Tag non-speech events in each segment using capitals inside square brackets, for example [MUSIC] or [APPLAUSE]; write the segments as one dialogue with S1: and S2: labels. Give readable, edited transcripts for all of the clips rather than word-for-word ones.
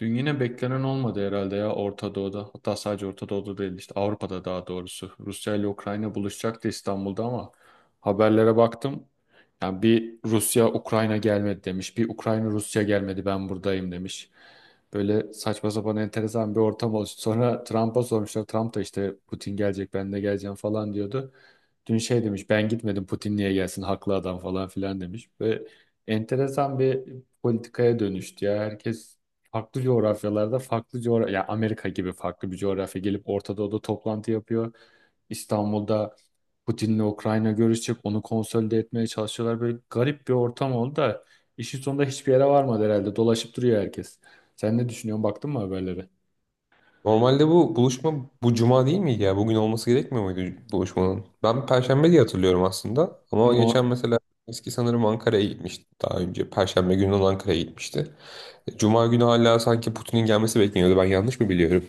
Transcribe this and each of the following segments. S1: Dün yine beklenen olmadı herhalde ya Orta Doğu'da. Hatta sadece Orta Doğu'da değil işte Avrupa'da daha doğrusu. Rusya ile Ukrayna buluşacaktı İstanbul'da ama haberlere baktım. Yani bir Rusya Ukrayna gelmedi demiş. Bir Ukrayna Rusya gelmedi ben buradayım demiş. Böyle saçma sapan enteresan bir ortam oluştu. Sonra Trump'a sormuşlar. Trump da işte Putin gelecek ben de geleceğim falan diyordu. Dün şey demiş ben gitmedim Putin niye gelsin haklı adam falan filan demiş. Ve enteresan bir politikaya dönüştü ya. Herkes farklı coğrafyalarda farklı coğrafya ya Amerika gibi farklı bir coğrafya gelip Orta Doğu'da toplantı yapıyor. İstanbul'da Putin'le Ukrayna görüşecek. Onu konsolide etmeye çalışıyorlar. Böyle garip bir ortam oldu da işin sonunda hiçbir yere varmadı herhalde. Dolaşıp duruyor herkes. Sen ne düşünüyorsun? Baktın mı haberlere?
S2: Normalde bu buluşma bu cuma değil miydi ya? Bugün olması gerekmiyor muydu buluşmanın? Ben Perşembe diye hatırlıyorum aslında. Ama geçen
S1: No.
S2: mesela eski sanırım Ankara'ya gitmişti daha önce. Perşembe günü olan Ankara'ya gitmişti. Cuma günü hala sanki Putin'in gelmesi bekleniyordu. Ben yanlış mı biliyorum?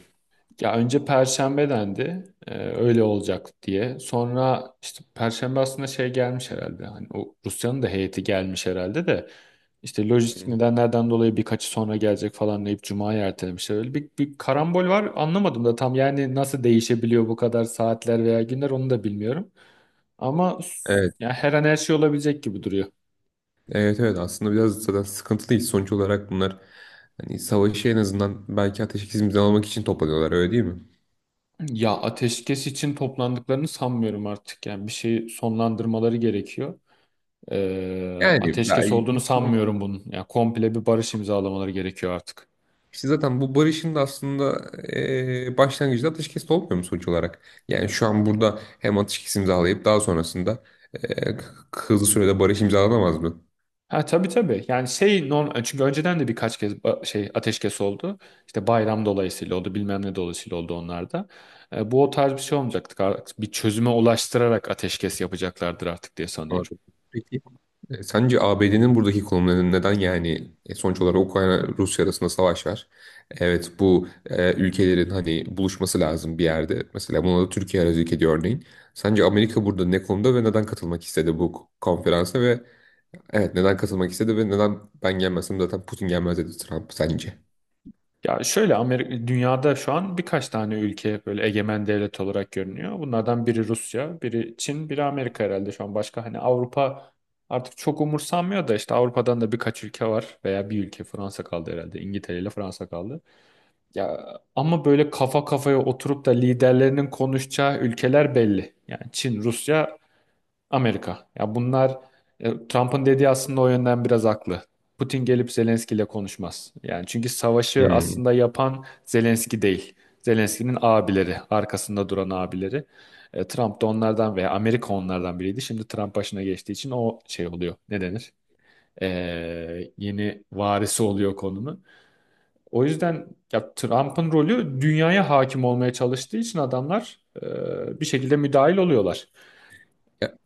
S1: Ya önce Perşembe dendi. Öyle olacak diye. Sonra işte Perşembe aslında şey gelmiş herhalde. Hani o Rusya'nın da heyeti gelmiş herhalde de. İşte
S2: Hı
S1: lojistik
S2: hı.
S1: nedenlerden dolayı birkaçı sonra gelecek falan deyip Cuma'ya ertelemişler. Öyle bir karambol var anlamadım da tam yani nasıl değişebiliyor bu kadar saatler veya günler onu da bilmiyorum. Ama
S2: Evet,
S1: yani her an her şey olabilecek gibi duruyor.
S2: evet, evet. Aslında biraz zaten sıkıntılıyız. Sonuç olarak bunlar hani savaşı en azından belki ateşkes imzalamak için toplanıyorlar, öyle değil mi?
S1: Ya ateşkes için toplandıklarını sanmıyorum artık. Yani bir şeyi sonlandırmaları gerekiyor.
S2: Yani
S1: Ateşkes olduğunu
S2: ben-
S1: sanmıyorum bunun. Yani komple bir barış imzalamaları gerekiyor artık.
S2: İşte zaten bu barışın da aslında başlangıcında ateşkes de olmuyor mu sonuç olarak? Yani şu an burada hem ateşkes imzalayıp daha sonrasında eee, hızlı sürede barış imzalanamaz mı?
S1: Ha tabii tabii. Yani şey non çünkü önceden de birkaç kez şey ateşkes oldu. İşte bayram dolayısıyla oldu, bilmem ne dolayısıyla oldu onlar da. Bu o tarz bir şey olmayacaktı. Artık bir çözüme ulaştırarak ateşkes yapacaklardır artık diye sanıyorum.
S2: Anladım. Peki, sence ABD'nin buradaki konumu neden? Yani sonuç olarak Ukrayna-Rusya arasında savaş var. Evet, bu ülkelerin hani buluşması lazım bir yerde. Mesela buna da Türkiye aracılık ediyor örneğin. Sence Amerika burada ne konuda ve neden katılmak istedi bu konferansa ve? Evet, neden katılmak istedi ve neden ben gelmezsem zaten Putin gelmez dedi Trump sence?
S1: Ya şöyle Amerika, dünyada şu an birkaç tane ülke böyle egemen devlet olarak görünüyor. Bunlardan biri Rusya, biri Çin, biri Amerika herhalde şu an. Başka hani Avrupa artık çok umursanmıyor da işte Avrupa'dan da birkaç ülke var veya bir ülke Fransa kaldı herhalde. İngiltere ile Fransa kaldı. Ya ama böyle kafa kafaya oturup da liderlerinin konuşacağı ülkeler belli. Yani Çin, Rusya Amerika. Ya bunlar Trump'ın dediği aslında o yönden biraz haklı. Putin gelip Zelenski ile konuşmaz. Yani çünkü savaşı
S2: Hmm.
S1: aslında yapan Zelenski değil. Zelenski'nin abileri, arkasında duran abileri. Trump da onlardan veya Amerika onlardan biriydi. Şimdi Trump başına geçtiği için o şey oluyor. Ne denir? E, Yeni varisi oluyor konunun. O yüzden ya Trump'ın rolü dünyaya hakim olmaya çalıştığı için adamlar bir şekilde müdahil oluyorlar.
S2: Ya-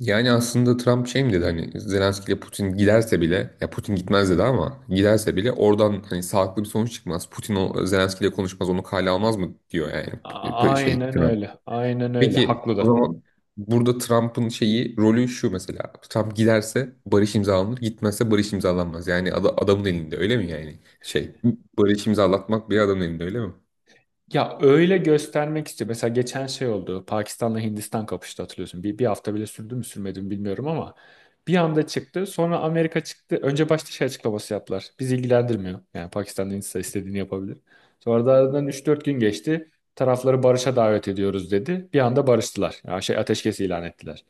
S2: yani aslında Trump şey mi dedi, hani Zelenski ile Putin giderse bile ya Putin gitmez dedi, ama giderse bile oradan hani sağlıklı bir sonuç çıkmaz. Putin o, Zelenski ile konuşmaz, onu kale almaz mı diyor yani? Şey
S1: Aynen
S2: Trump.
S1: öyle. Aynen öyle.
S2: Peki
S1: Haklı
S2: o
S1: da.
S2: zaman burada Trump'ın şeyi rolü şu mesela. Trump giderse barış imzalanır, gitmezse barış imzalanmaz. Yani adamın elinde öyle mi yani? Şey, barış imzalatmak bir adamın elinde öyle mi?
S1: Ya öyle göstermek istiyor. Mesela geçen şey oldu. Pakistan'la Hindistan kapıştı hatırlıyorsun. Bir hafta bile sürdü mü sürmedi mi bilmiyorum ama bir anda çıktı. Sonra Amerika çıktı. Önce başta şey açıklaması yaptılar. Bizi ilgilendirmiyor. Yani Pakistan'da Hindistan istediğini yapabilir. Sonra da aradan üç dört gün geçti. Tarafları barışa davet ediyoruz dedi. Bir anda barıştılar. Yani şey ateşkes ilan ettiler.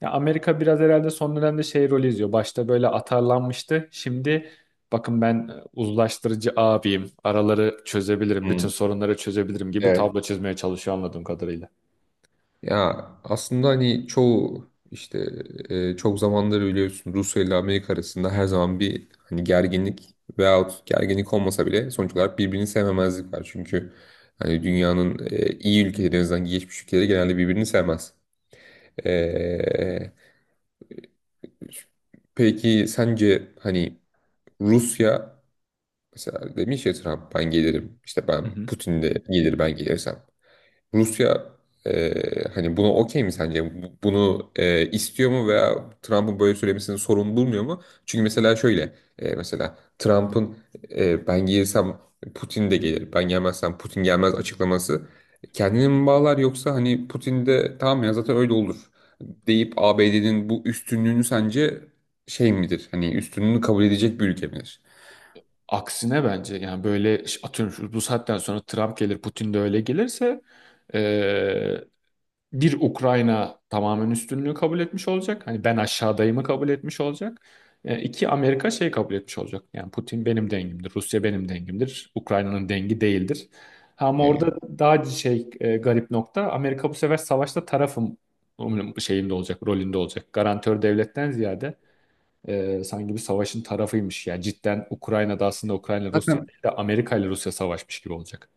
S1: Ya Amerika biraz herhalde son dönemde şey rolü izliyor. Başta böyle atarlanmıştı. Şimdi bakın ben uzlaştırıcı abiyim. Araları çözebilirim, bütün
S2: Hmm,
S1: sorunları çözebilirim gibi
S2: evet.
S1: tablo çizmeye çalışıyor anladığım kadarıyla.
S2: Ya aslında hani çoğu işte, çok zamandır biliyorsun Rusya ile Amerika arasında her zaman bir hani gerginlik veyahut gerginlik olmasa bile sonuç olarak birbirini sevmemezlik var. Çünkü hani dünyanın iyi ülkeleri, en azından gelişmiş ülkeleri genelde birbirini sevmez. E, Peki sence hani Rusya, mesela demiş ya Trump, ben gelirim, işte
S1: Hı
S2: ben,
S1: hı.
S2: Putin de gelir ben gelirsem. Rusya hani buna okey mi sence? Bunu istiyor mu, veya Trump'ın böyle söylemesini sorun bulmuyor mu? Çünkü mesela şöyle, mesela Trump'ın ben gelirsem Putin de gelir, ben gelmezsem Putin gelmez açıklaması kendini mi bağlar, yoksa hani Putin de tamam ya zaten öyle olur deyip ABD'nin bu üstünlüğünü sence şey midir? Hani üstünlüğünü kabul edecek bir ülke midir?
S1: Aksine bence yani böyle bu saatten sonra Trump gelir, Putin de öyle gelirse bir Ukrayna tamamen üstünlüğü kabul etmiş olacak. Hani ben aşağıdayımı kabul etmiş olacak. İki Amerika şey kabul etmiş olacak. Yani Putin benim dengimdir, Rusya benim dengimdir, Ukrayna'nın dengi değildir. Ama
S2: E,
S1: orada daha şey garip nokta Amerika bu sefer savaşta tarafım şeyinde olacak, rolünde olacak. Garantör devletten ziyade sanki bir savaşın tarafıymış. Yani cidden Ukrayna'da aslında Ukrayna Rusya
S2: zaten
S1: değil de Amerika ile Rusya savaşmış gibi olacak.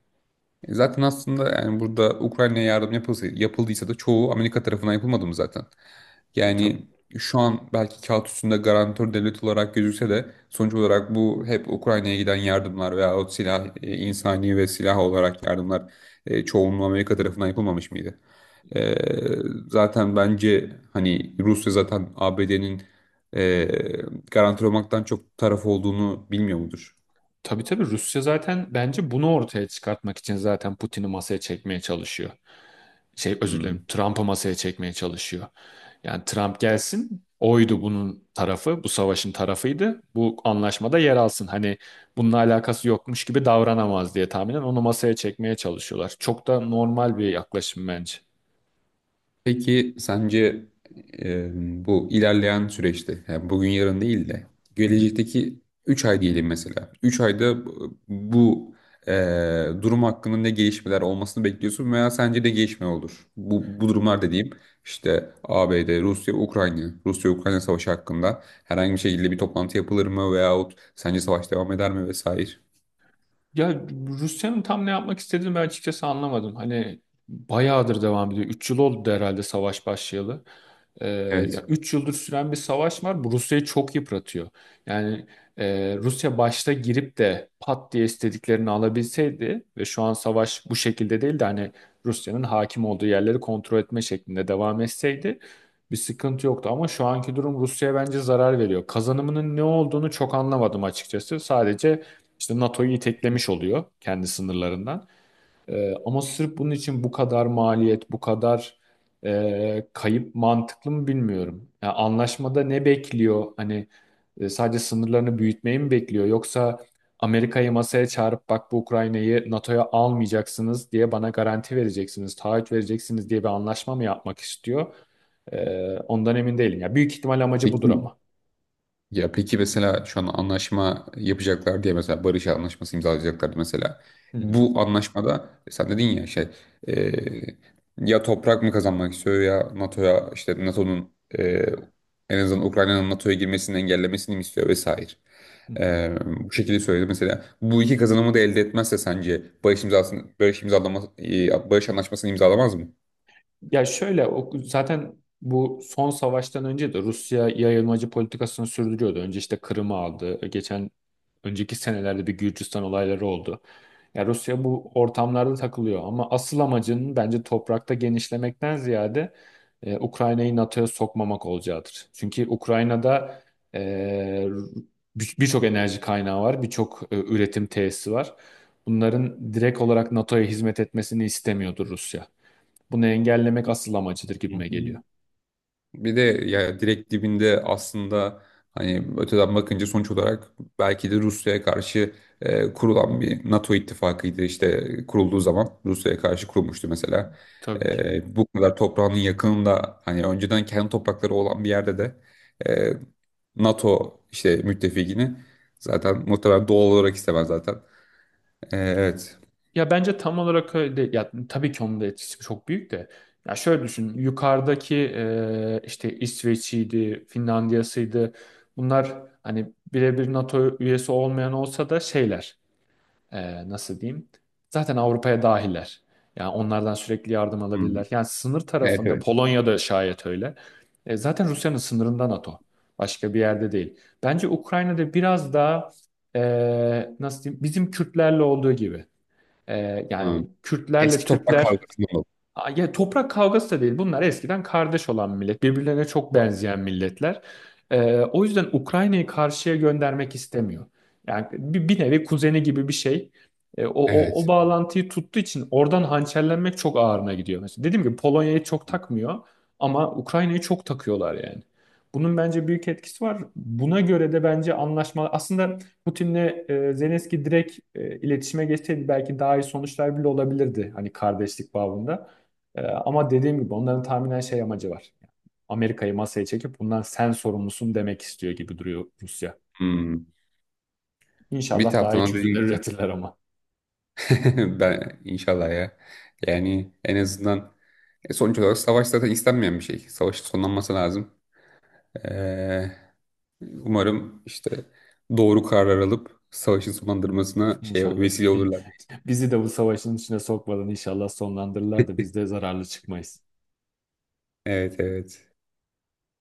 S2: Zaten aslında yani burada Ukrayna'ya yardım yapılsa, yapıldıysa da çoğu Amerika tarafından yapılmadı mı zaten? Yani şu an belki kağıt üstünde garantör devlet olarak gözükse de sonuç olarak bu hep Ukrayna'ya giden yardımlar veya o silah, insani ve silah olarak yardımlar, çoğunluğu Amerika tarafından yapılmamış mıydı? E, Zaten bence hani Rusya zaten ABD'nin e, garantör olmaktan çok taraf olduğunu bilmiyor mudur?
S1: Tabii tabii Rusya zaten bence bunu ortaya çıkartmak için zaten Putin'i masaya çekmeye çalışıyor. Şey özür dilerim
S2: Hmm.
S1: Trump'ı masaya çekmeye çalışıyor. Yani Trump gelsin oydu bunun tarafı bu savaşın tarafıydı bu anlaşmada yer alsın. Hani bununla alakası yokmuş gibi davranamaz diye tahminen onu masaya çekmeye çalışıyorlar. Çok da normal bir yaklaşım bence.
S2: Peki sence e, bu ilerleyen süreçte, yani bugün yarın değil de
S1: Hı hı.
S2: gelecekteki 3 ay diyelim mesela. 3 ayda durum hakkında ne gelişmeler olmasını bekliyorsun, veya sence de gelişme olur? Bu durumlar dediğim işte ABD, Rusya, Ukrayna, Rusya-Ukrayna savaşı hakkında herhangi bir şekilde bir toplantı yapılır mı, veyahut sence savaş devam eder mi vesaire?
S1: Ya Rusya'nın tam ne yapmak istediğini ben açıkçası anlamadım. Hani bayağıdır devam ediyor. 3 yıl oldu herhalde savaş başlayalı. Ee, Ya
S2: Evet.
S1: 3 yıldır süren bir savaş var. Bu Rusya'yı çok yıpratıyor. Yani Rusya başta girip de pat diye istediklerini alabilseydi ve şu an savaş bu şekilde değil de hani Rusya'nın hakim olduğu yerleri kontrol etme şeklinde devam etseydi bir sıkıntı yoktu. Ama şu anki durum Rusya'ya bence zarar veriyor. Kazanımının ne olduğunu çok anlamadım açıkçası. Sadece işte NATO'yu iteklemiş oluyor kendi sınırlarından. Ama sırf bunun için bu kadar maliyet, bu kadar kayıp mantıklı mı bilmiyorum. Yani anlaşmada ne bekliyor? Hani sadece sınırlarını büyütmeyi mi bekliyor? Yoksa Amerika'yı masaya çağırıp bak bu Ukrayna'yı NATO'ya almayacaksınız diye bana garanti vereceksiniz, taahhüt vereceksiniz diye bir anlaşma mı yapmak istiyor? Ondan emin değilim. Ya büyük ihtimal amacı budur
S2: Peki
S1: ama.
S2: Ya peki mesela şu an anlaşma yapacaklar diye, mesela barış anlaşması imzalayacaklardı mesela.
S1: Hı
S2: Bu anlaşmada sen dedin ya şey, e, ya toprak mı kazanmak istiyor, ya NATO'ya, işte NATO'nun e, en azından Ukrayna'nın NATO'ya girmesini engellemesini mi istiyor vesaire.
S1: hı.
S2: Bu şekilde söyledi mesela. Bu iki kazanımı da elde etmezse sence barış imzasını barış imzalama e, barış anlaşmasını imzalamaz mı?
S1: Ya şöyle o, zaten bu son savaştan önce de Rusya yayılmacı politikasını sürdürüyordu. Önce işte Kırım'ı aldı. Geçen önceki senelerde bir Gürcistan olayları oldu. Ya Rusya bu ortamlarda takılıyor ama asıl amacının bence toprakta genişlemekten ziyade Ukrayna'yı NATO'ya sokmamak olacaktır. Çünkü Ukrayna'da e, birçok enerji kaynağı var, birçok üretim tesisi var. Bunların direkt olarak NATO'ya hizmet etmesini istemiyordur Rusya. Bunu engellemek asıl amacıdır
S2: Hı
S1: gibime geliyor.
S2: hı. Bir de ya direkt dibinde aslında hani öteden bakınca sonuç olarak belki de Rusya'ya karşı kurulan bir NATO ittifakıydı, işte kurulduğu zaman Rusya'ya karşı kurulmuştu mesela.
S1: Tabii ki.
S2: Bu kadar toprağının yakınında, hani önceden kendi toprakları olan bir yerde de e, NATO işte müttefikini zaten muhtemelen doğal olarak istemez zaten. E, evet.
S1: Ya bence tam olarak öyle. Ya tabii ki onun da etkisi çok büyük de. Ya şöyle düşün. Yukarıdaki işte İsveç'iydi, Finlandiya'sıydı. Bunlar hani birebir NATO üyesi olmayan olsa da şeyler. Nasıl diyeyim, zaten Avrupa'ya dahiller. Yani onlardan sürekli yardım
S2: Hmm.
S1: alabilirler. Yani sınır
S2: Evet,
S1: tarafında
S2: evet.
S1: Polonya'da şayet öyle. Zaten Rusya'nın sınırında NATO. Başka bir yerde değil. Bence Ukrayna'da biraz daha e, nasıl diyeyim bizim Kürtlerle olduğu gibi.
S2: Hmm.
S1: Yani Kürtlerle
S2: Eski toprak
S1: Türkler.
S2: kavgasından oldu.
S1: Aa, ya toprak kavgası da değil. Bunlar eskiden kardeş olan millet. Birbirlerine çok benzeyen milletler. O yüzden Ukrayna'yı karşıya göndermek istemiyor. Yani bir nevi kuzeni gibi bir şey. O
S2: Evet.
S1: bağlantıyı tuttuğu için oradan hançerlenmek çok ağırına gidiyor. Mesela dediğim gibi Polonya'yı çok takmıyor ama Ukrayna'yı çok takıyorlar yani. Bunun bence büyük etkisi var. Buna göre de bence anlaşma aslında Putin'le Zelenski direkt iletişime geçseydi belki daha iyi sonuçlar bile olabilirdi hani kardeşlik bağında. Ama dediğim gibi onların tahminen şey amacı var. Amerika'yı masaya çekip bundan sen sorumlusun demek istiyor gibi duruyor Rusya.
S2: Hmm. Bir
S1: İnşallah daha iyi
S2: taraftan da
S1: çözümler
S2: dediğim gibi
S1: üretirler ama.
S2: [LAUGHS] ben inşallah ya. Yani en azından sonuç olarak savaş zaten istenmeyen bir şey. Savaşın sonlanması lazım. Ee, Umarım işte doğru karar alıp savaşın sonlandırmasına şey
S1: İnşallah.
S2: vesile olurlar.
S1: Bizi de bu savaşın içine sokmadan inşallah sonlandırırlar da biz de zararlı çıkmayız.
S2: Evet, evet.